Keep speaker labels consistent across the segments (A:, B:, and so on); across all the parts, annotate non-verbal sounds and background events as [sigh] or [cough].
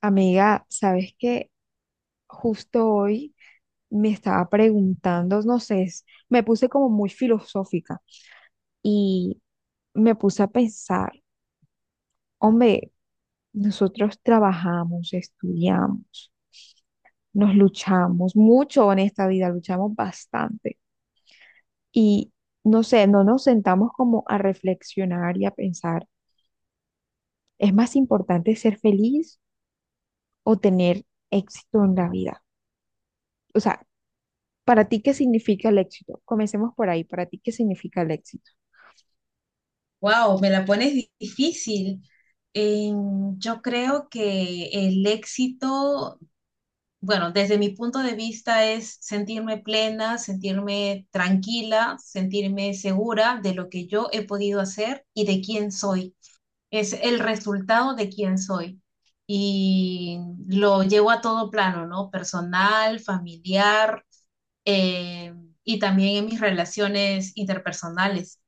A: Amiga, ¿sabes qué? Justo hoy me estaba preguntando, no sé, me puse como muy filosófica y me puse a pensar, hombre, nosotros trabajamos, estudiamos, nos luchamos mucho en esta vida, luchamos bastante y no sé, no nos sentamos como a reflexionar y a pensar, ¿es más importante ser feliz o tener éxito en la vida? O sea, para ti, ¿qué significa el éxito? Comencemos por ahí. Para ti, ¿qué significa el éxito?
B: Wow, me la pones difícil. Yo creo que el éxito, bueno, desde mi punto de vista es sentirme plena, sentirme tranquila, sentirme segura de lo que yo he podido hacer y de quién soy. Es el resultado de quién soy. Y lo llevo a todo plano, ¿no? Personal, familiar, y también en mis relaciones interpersonales.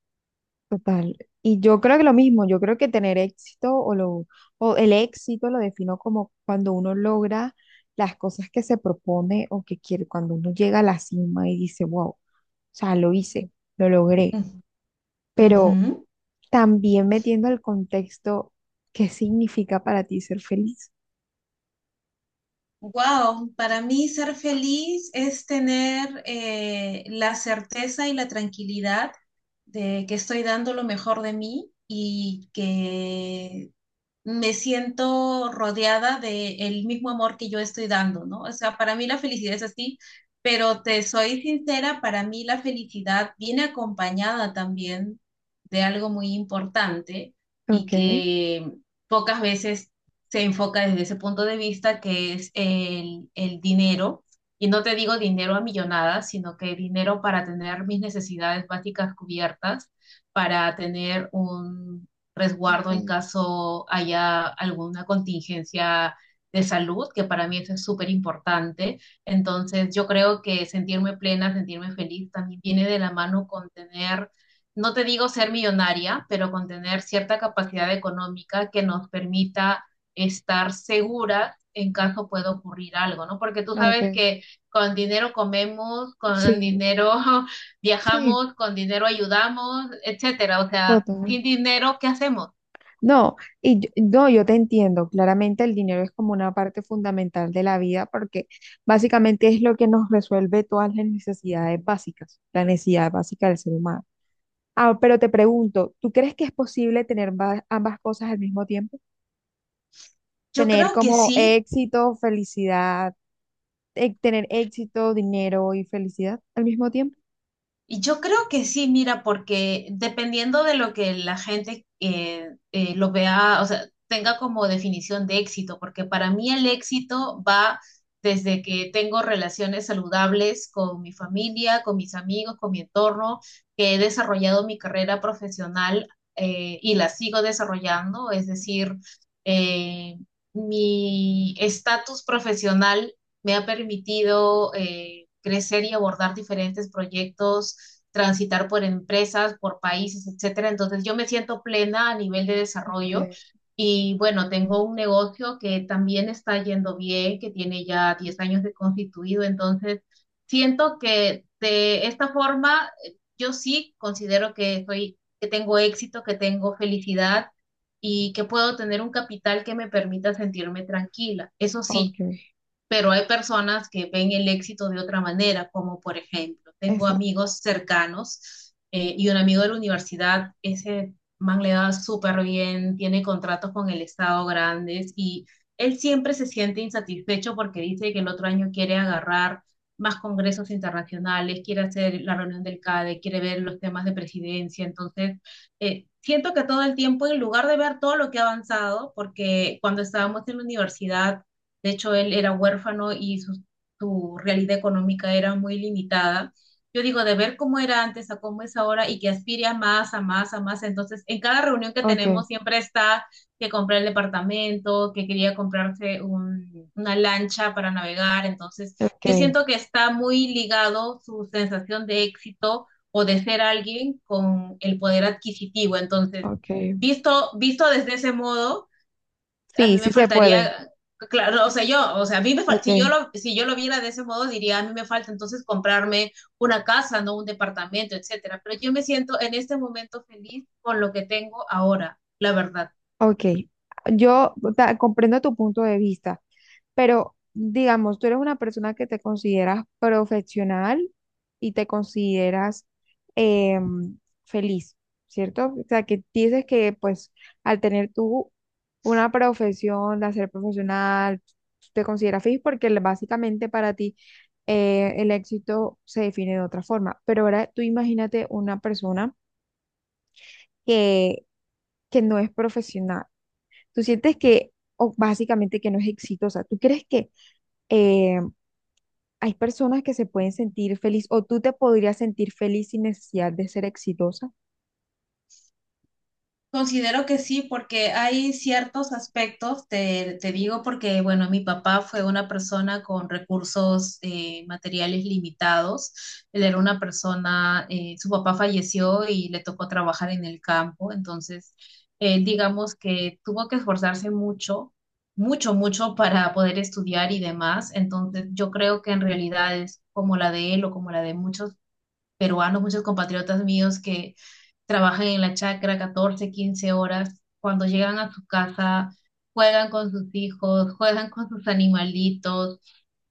A: Total. Y yo creo que lo mismo, yo creo que tener éxito o el éxito lo defino como cuando uno logra las cosas que se propone o que quiere, cuando uno llega a la cima y dice, wow, o sea, lo hice, lo logré.
B: Ujú.
A: Pero
B: Ujú.
A: también metiendo el contexto, ¿qué significa para ti ser feliz?
B: Wow, para mí ser feliz es tener la certeza y la tranquilidad de que estoy dando lo mejor de mí y que me siento rodeada del mismo amor que yo estoy dando, ¿no? O sea, para mí la felicidad es así, pero te soy sincera, para mí la felicidad viene acompañada también de algo muy importante y
A: Ok,
B: que pocas veces se enfoca desde ese punto de vista, que es el dinero. Y no te digo dinero a millonadas, sino que dinero para tener mis necesidades básicas cubiertas, para tener un resguardo en
A: ok,
B: caso haya alguna contingencia de salud, que para mí eso es súper importante. Entonces, yo creo que sentirme plena, sentirme feliz, también viene de la mano con tener, no te digo ser millonaria, pero con tener cierta capacidad económica que nos permita estar segura en caso pueda ocurrir algo, ¿no? Porque tú
A: ok,
B: sabes que con dinero comemos, con
A: sí,
B: dinero [laughs]
A: sí,
B: viajamos, con dinero ayudamos, etcétera. O sea,
A: total.
B: sin dinero, ¿qué hacemos?
A: No, no, yo te entiendo, claramente el dinero es como una parte fundamental de la vida porque básicamente es lo que nos resuelve todas las necesidades básicas, la necesidad básica del ser humano. Ah, pero te pregunto, ¿tú crees que es posible tener ambas cosas al mismo tiempo?
B: Yo
A: Tener
B: creo que
A: como
B: sí.
A: éxito, felicidad, tener éxito, dinero y felicidad al mismo tiempo.
B: Y yo creo que sí, mira, porque dependiendo de lo que la gente lo vea, o sea, tenga como definición de éxito, porque para mí el éxito va desde que tengo relaciones saludables con mi familia, con mis amigos, con mi entorno, que he desarrollado mi carrera profesional y la sigo desarrollando, es decir, eh, mi estatus profesional me ha permitido crecer y abordar diferentes proyectos, transitar por empresas, por países, etcétera. Entonces, yo me siento plena a nivel de desarrollo
A: Okay,
B: y bueno, tengo un negocio que también está yendo bien, que tiene ya 10 años de constituido, entonces siento que de esta forma yo sí considero que soy que tengo éxito, que tengo felicidad y que puedo tener un capital que me permita sentirme tranquila. Eso sí,
A: okay,
B: pero hay personas que ven el éxito de otra manera, como por ejemplo, tengo
A: esa,
B: amigos cercanos y un amigo de la universidad, ese man le da súper bien, tiene contratos con el Estado grandes y él siempre se siente insatisfecho porque dice que el otro año quiere agarrar más congresos internacionales, quiere hacer la reunión del CADE, quiere ver los temas de presidencia, entonces… siento que todo el tiempo, en lugar de ver todo lo que ha avanzado, porque cuando estábamos en la universidad de hecho, él era huérfano y su realidad económica era muy limitada. Yo digo, de ver cómo era antes a cómo es ahora y que aspire a más, a más, a más. Entonces, en cada reunión que
A: okay,
B: tenemos siempre está que comprar el departamento, que quería comprarse una lancha para navegar. Entonces, yo
A: okay,
B: siento que está muy ligado su sensación de éxito o de ser alguien con el poder adquisitivo. Entonces,
A: okay,
B: visto desde ese modo a
A: sí,
B: mí
A: sí
B: me
A: se puede.
B: faltaría, claro, o sea, yo, o sea, a mí me fal- si yo
A: Okay,
B: lo, si yo lo viera de ese modo, diría, a mí me falta entonces comprarme una casa, no un departamento, etcétera. Pero yo me siento en este momento feliz con lo que tengo ahora, la verdad.
A: okay. Comprendo tu punto de vista, pero digamos, tú eres una persona que te consideras profesional y te consideras, em, feliz, ¿cierto? O sea, que dices que pues al tener tú una profesión, de ser profesional, tú te consideras feliz porque básicamente para ti, el éxito se define de otra forma. Pero ahora tú imagínate una persona que, que no es profesional. Tú sientes que, o básicamente que no es exitosa. ¿Tú crees que... em, hay personas que se pueden sentir feliz o tú te podrías sentir feliz sin necesidad de ser exitosa?
B: Considero que sí, porque hay ciertos aspectos, te digo, porque, bueno, mi papá fue una persona con recursos materiales limitados. Él era una persona, su papá falleció y le tocó trabajar en el campo, entonces, él, digamos que tuvo que esforzarse mucho, mucho, mucho para poder estudiar y demás. Entonces, yo creo que en realidad es como la de él o como la de muchos peruanos, muchos compatriotas míos que trabajan en la chacra 14, 15 horas, cuando llegan a su casa, juegan con sus hijos, juegan con sus animalitos,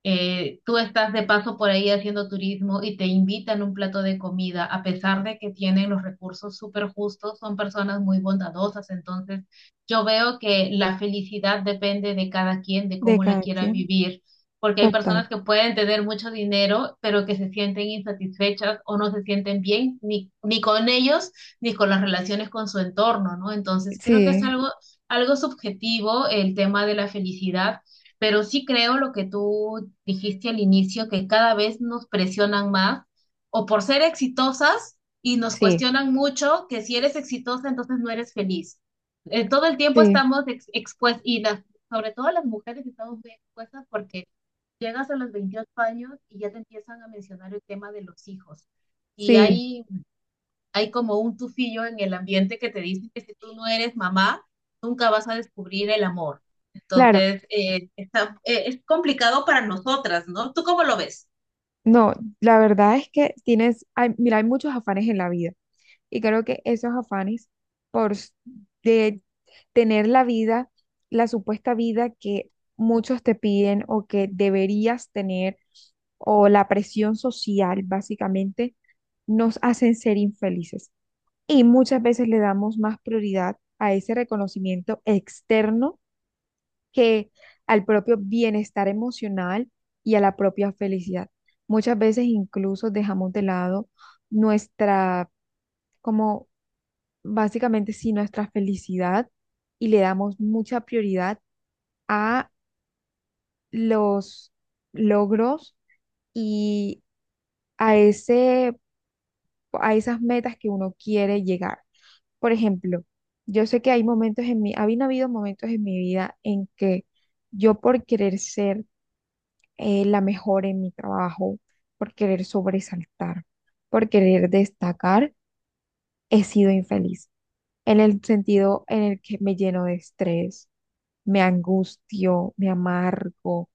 B: tú estás de paso por ahí haciendo turismo y te invitan un plato de comida, a pesar de que tienen los recursos súper justos, son personas muy bondadosas. Entonces, yo veo que la felicidad depende de cada quien, de
A: De
B: cómo la
A: cada
B: quiera
A: quien.
B: vivir, porque hay
A: Total.
B: personas que pueden tener mucho dinero, pero que se sienten insatisfechas o no se sienten bien ni con ellos, ni con las relaciones con su entorno, ¿no? Entonces, creo que es
A: Sí,
B: algo… algo subjetivo el tema de la felicidad, pero sí creo lo que tú dijiste al inicio, que cada vez nos presionan más o por ser exitosas y nos
A: sí,
B: cuestionan mucho que si eres exitosa, entonces no eres feliz. Todo el tiempo
A: sí,
B: estamos expuestas y sobre todo las mujeres estamos muy expuestas porque llegas a los 28 años y ya te empiezan a mencionar el tema de los hijos. Y
A: sí,
B: hay hay como un tufillo en el ambiente que te dice que si tú no eres mamá, nunca vas a descubrir el amor.
A: claro.
B: Entonces, es complicado para nosotras, ¿no? ¿Tú cómo lo ves?
A: No, la verdad es que tienes, mira, hay muchos afanes en la vida y creo que esos afanes por s- de tener la vida, la supuesta vida que muchos te piden o que deberías tener o la presión social, básicamente, nos hacen ser infelices. Y muchas veces le damos más prioridad a ese reconocimiento externo que al propio bienestar emocional y a la propia felicidad. Muchas veces incluso dejamos de lado nuestra, como básicamente sí, nuestra felicidad y le damos mucha prioridad a los logros y a ese, a esas metas que uno quiere llegar. Por ejemplo, yo sé que hay momentos en habían habido momentos en mi vida en que yo por querer ser, la mejor en mi trabajo, por querer sobresaltar, por querer destacar, he sido infeliz en el sentido en el que me lleno de estrés, me angustio, me amargo,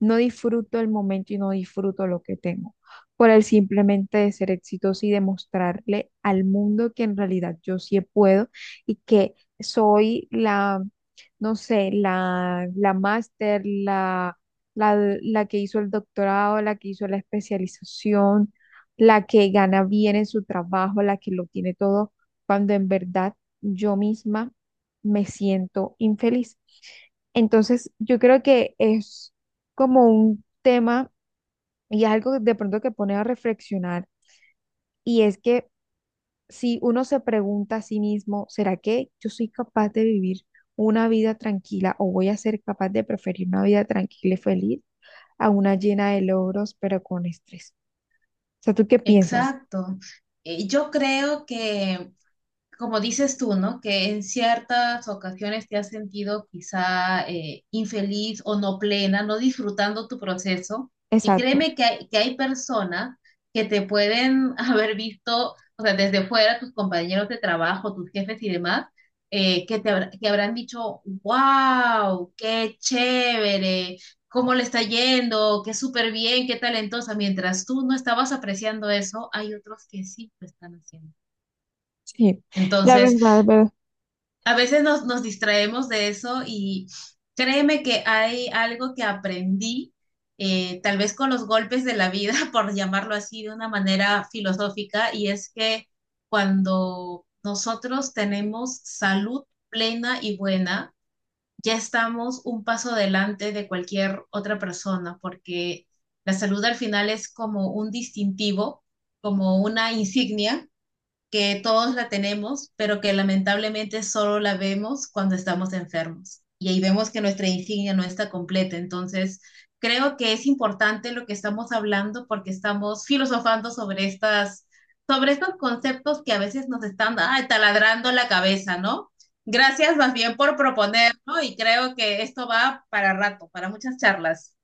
A: no disfruto el momento y no disfruto lo que tengo, por el simplemente de ser exitoso y demostrarle al mundo que en realidad yo sí puedo y que soy no sé, la máster, la que hizo el doctorado, la que hizo la especialización, la que gana bien en su trabajo, la que lo tiene todo, cuando en verdad yo misma me siento infeliz. Entonces, yo creo que es como un tema y algo de pronto que pone a reflexionar, y es que si uno se pregunta a sí mismo, ¿será que yo soy capaz de vivir una vida tranquila o voy a ser capaz de preferir una vida tranquila y feliz a una llena de logros pero con estrés? O sea, ¿tú qué piensas?
B: Exacto. Yo creo que como dices tú, ¿no? Que en ciertas ocasiones te has sentido quizá infeliz o no plena, no disfrutando tu proceso. Y
A: Exacto.
B: créeme que hay personas que te pueden [laughs] haber visto, o sea, desde fuera, tus compañeros de trabajo, tus jefes y demás, que habrán dicho, wow, qué chévere, cómo le está yendo, qué súper bien, qué talentosa. Mientras tú no estabas apreciando eso, hay otros que sí lo están haciendo.
A: Sí, la
B: Entonces,
A: verdad,
B: a veces nos distraemos de eso y créeme que hay algo que aprendí, tal vez con los golpes de la vida, [laughs] por llamarlo así de una manera filosófica, y es que cuando nosotros tenemos salud plena y buena, ya estamos un paso adelante de cualquier otra persona, porque la salud al final es como un distintivo, como una insignia que todos la tenemos, pero que lamentablemente solo la vemos cuando estamos enfermos. Y ahí vemos que nuestra insignia no está completa. Entonces, creo que es importante lo que estamos hablando porque estamos filosofando sobre sobre estos conceptos que a veces nos están ay, taladrando la cabeza, ¿no? Gracias más bien por proponerlo, ¿no? Y creo que esto va para rato, para muchas charlas.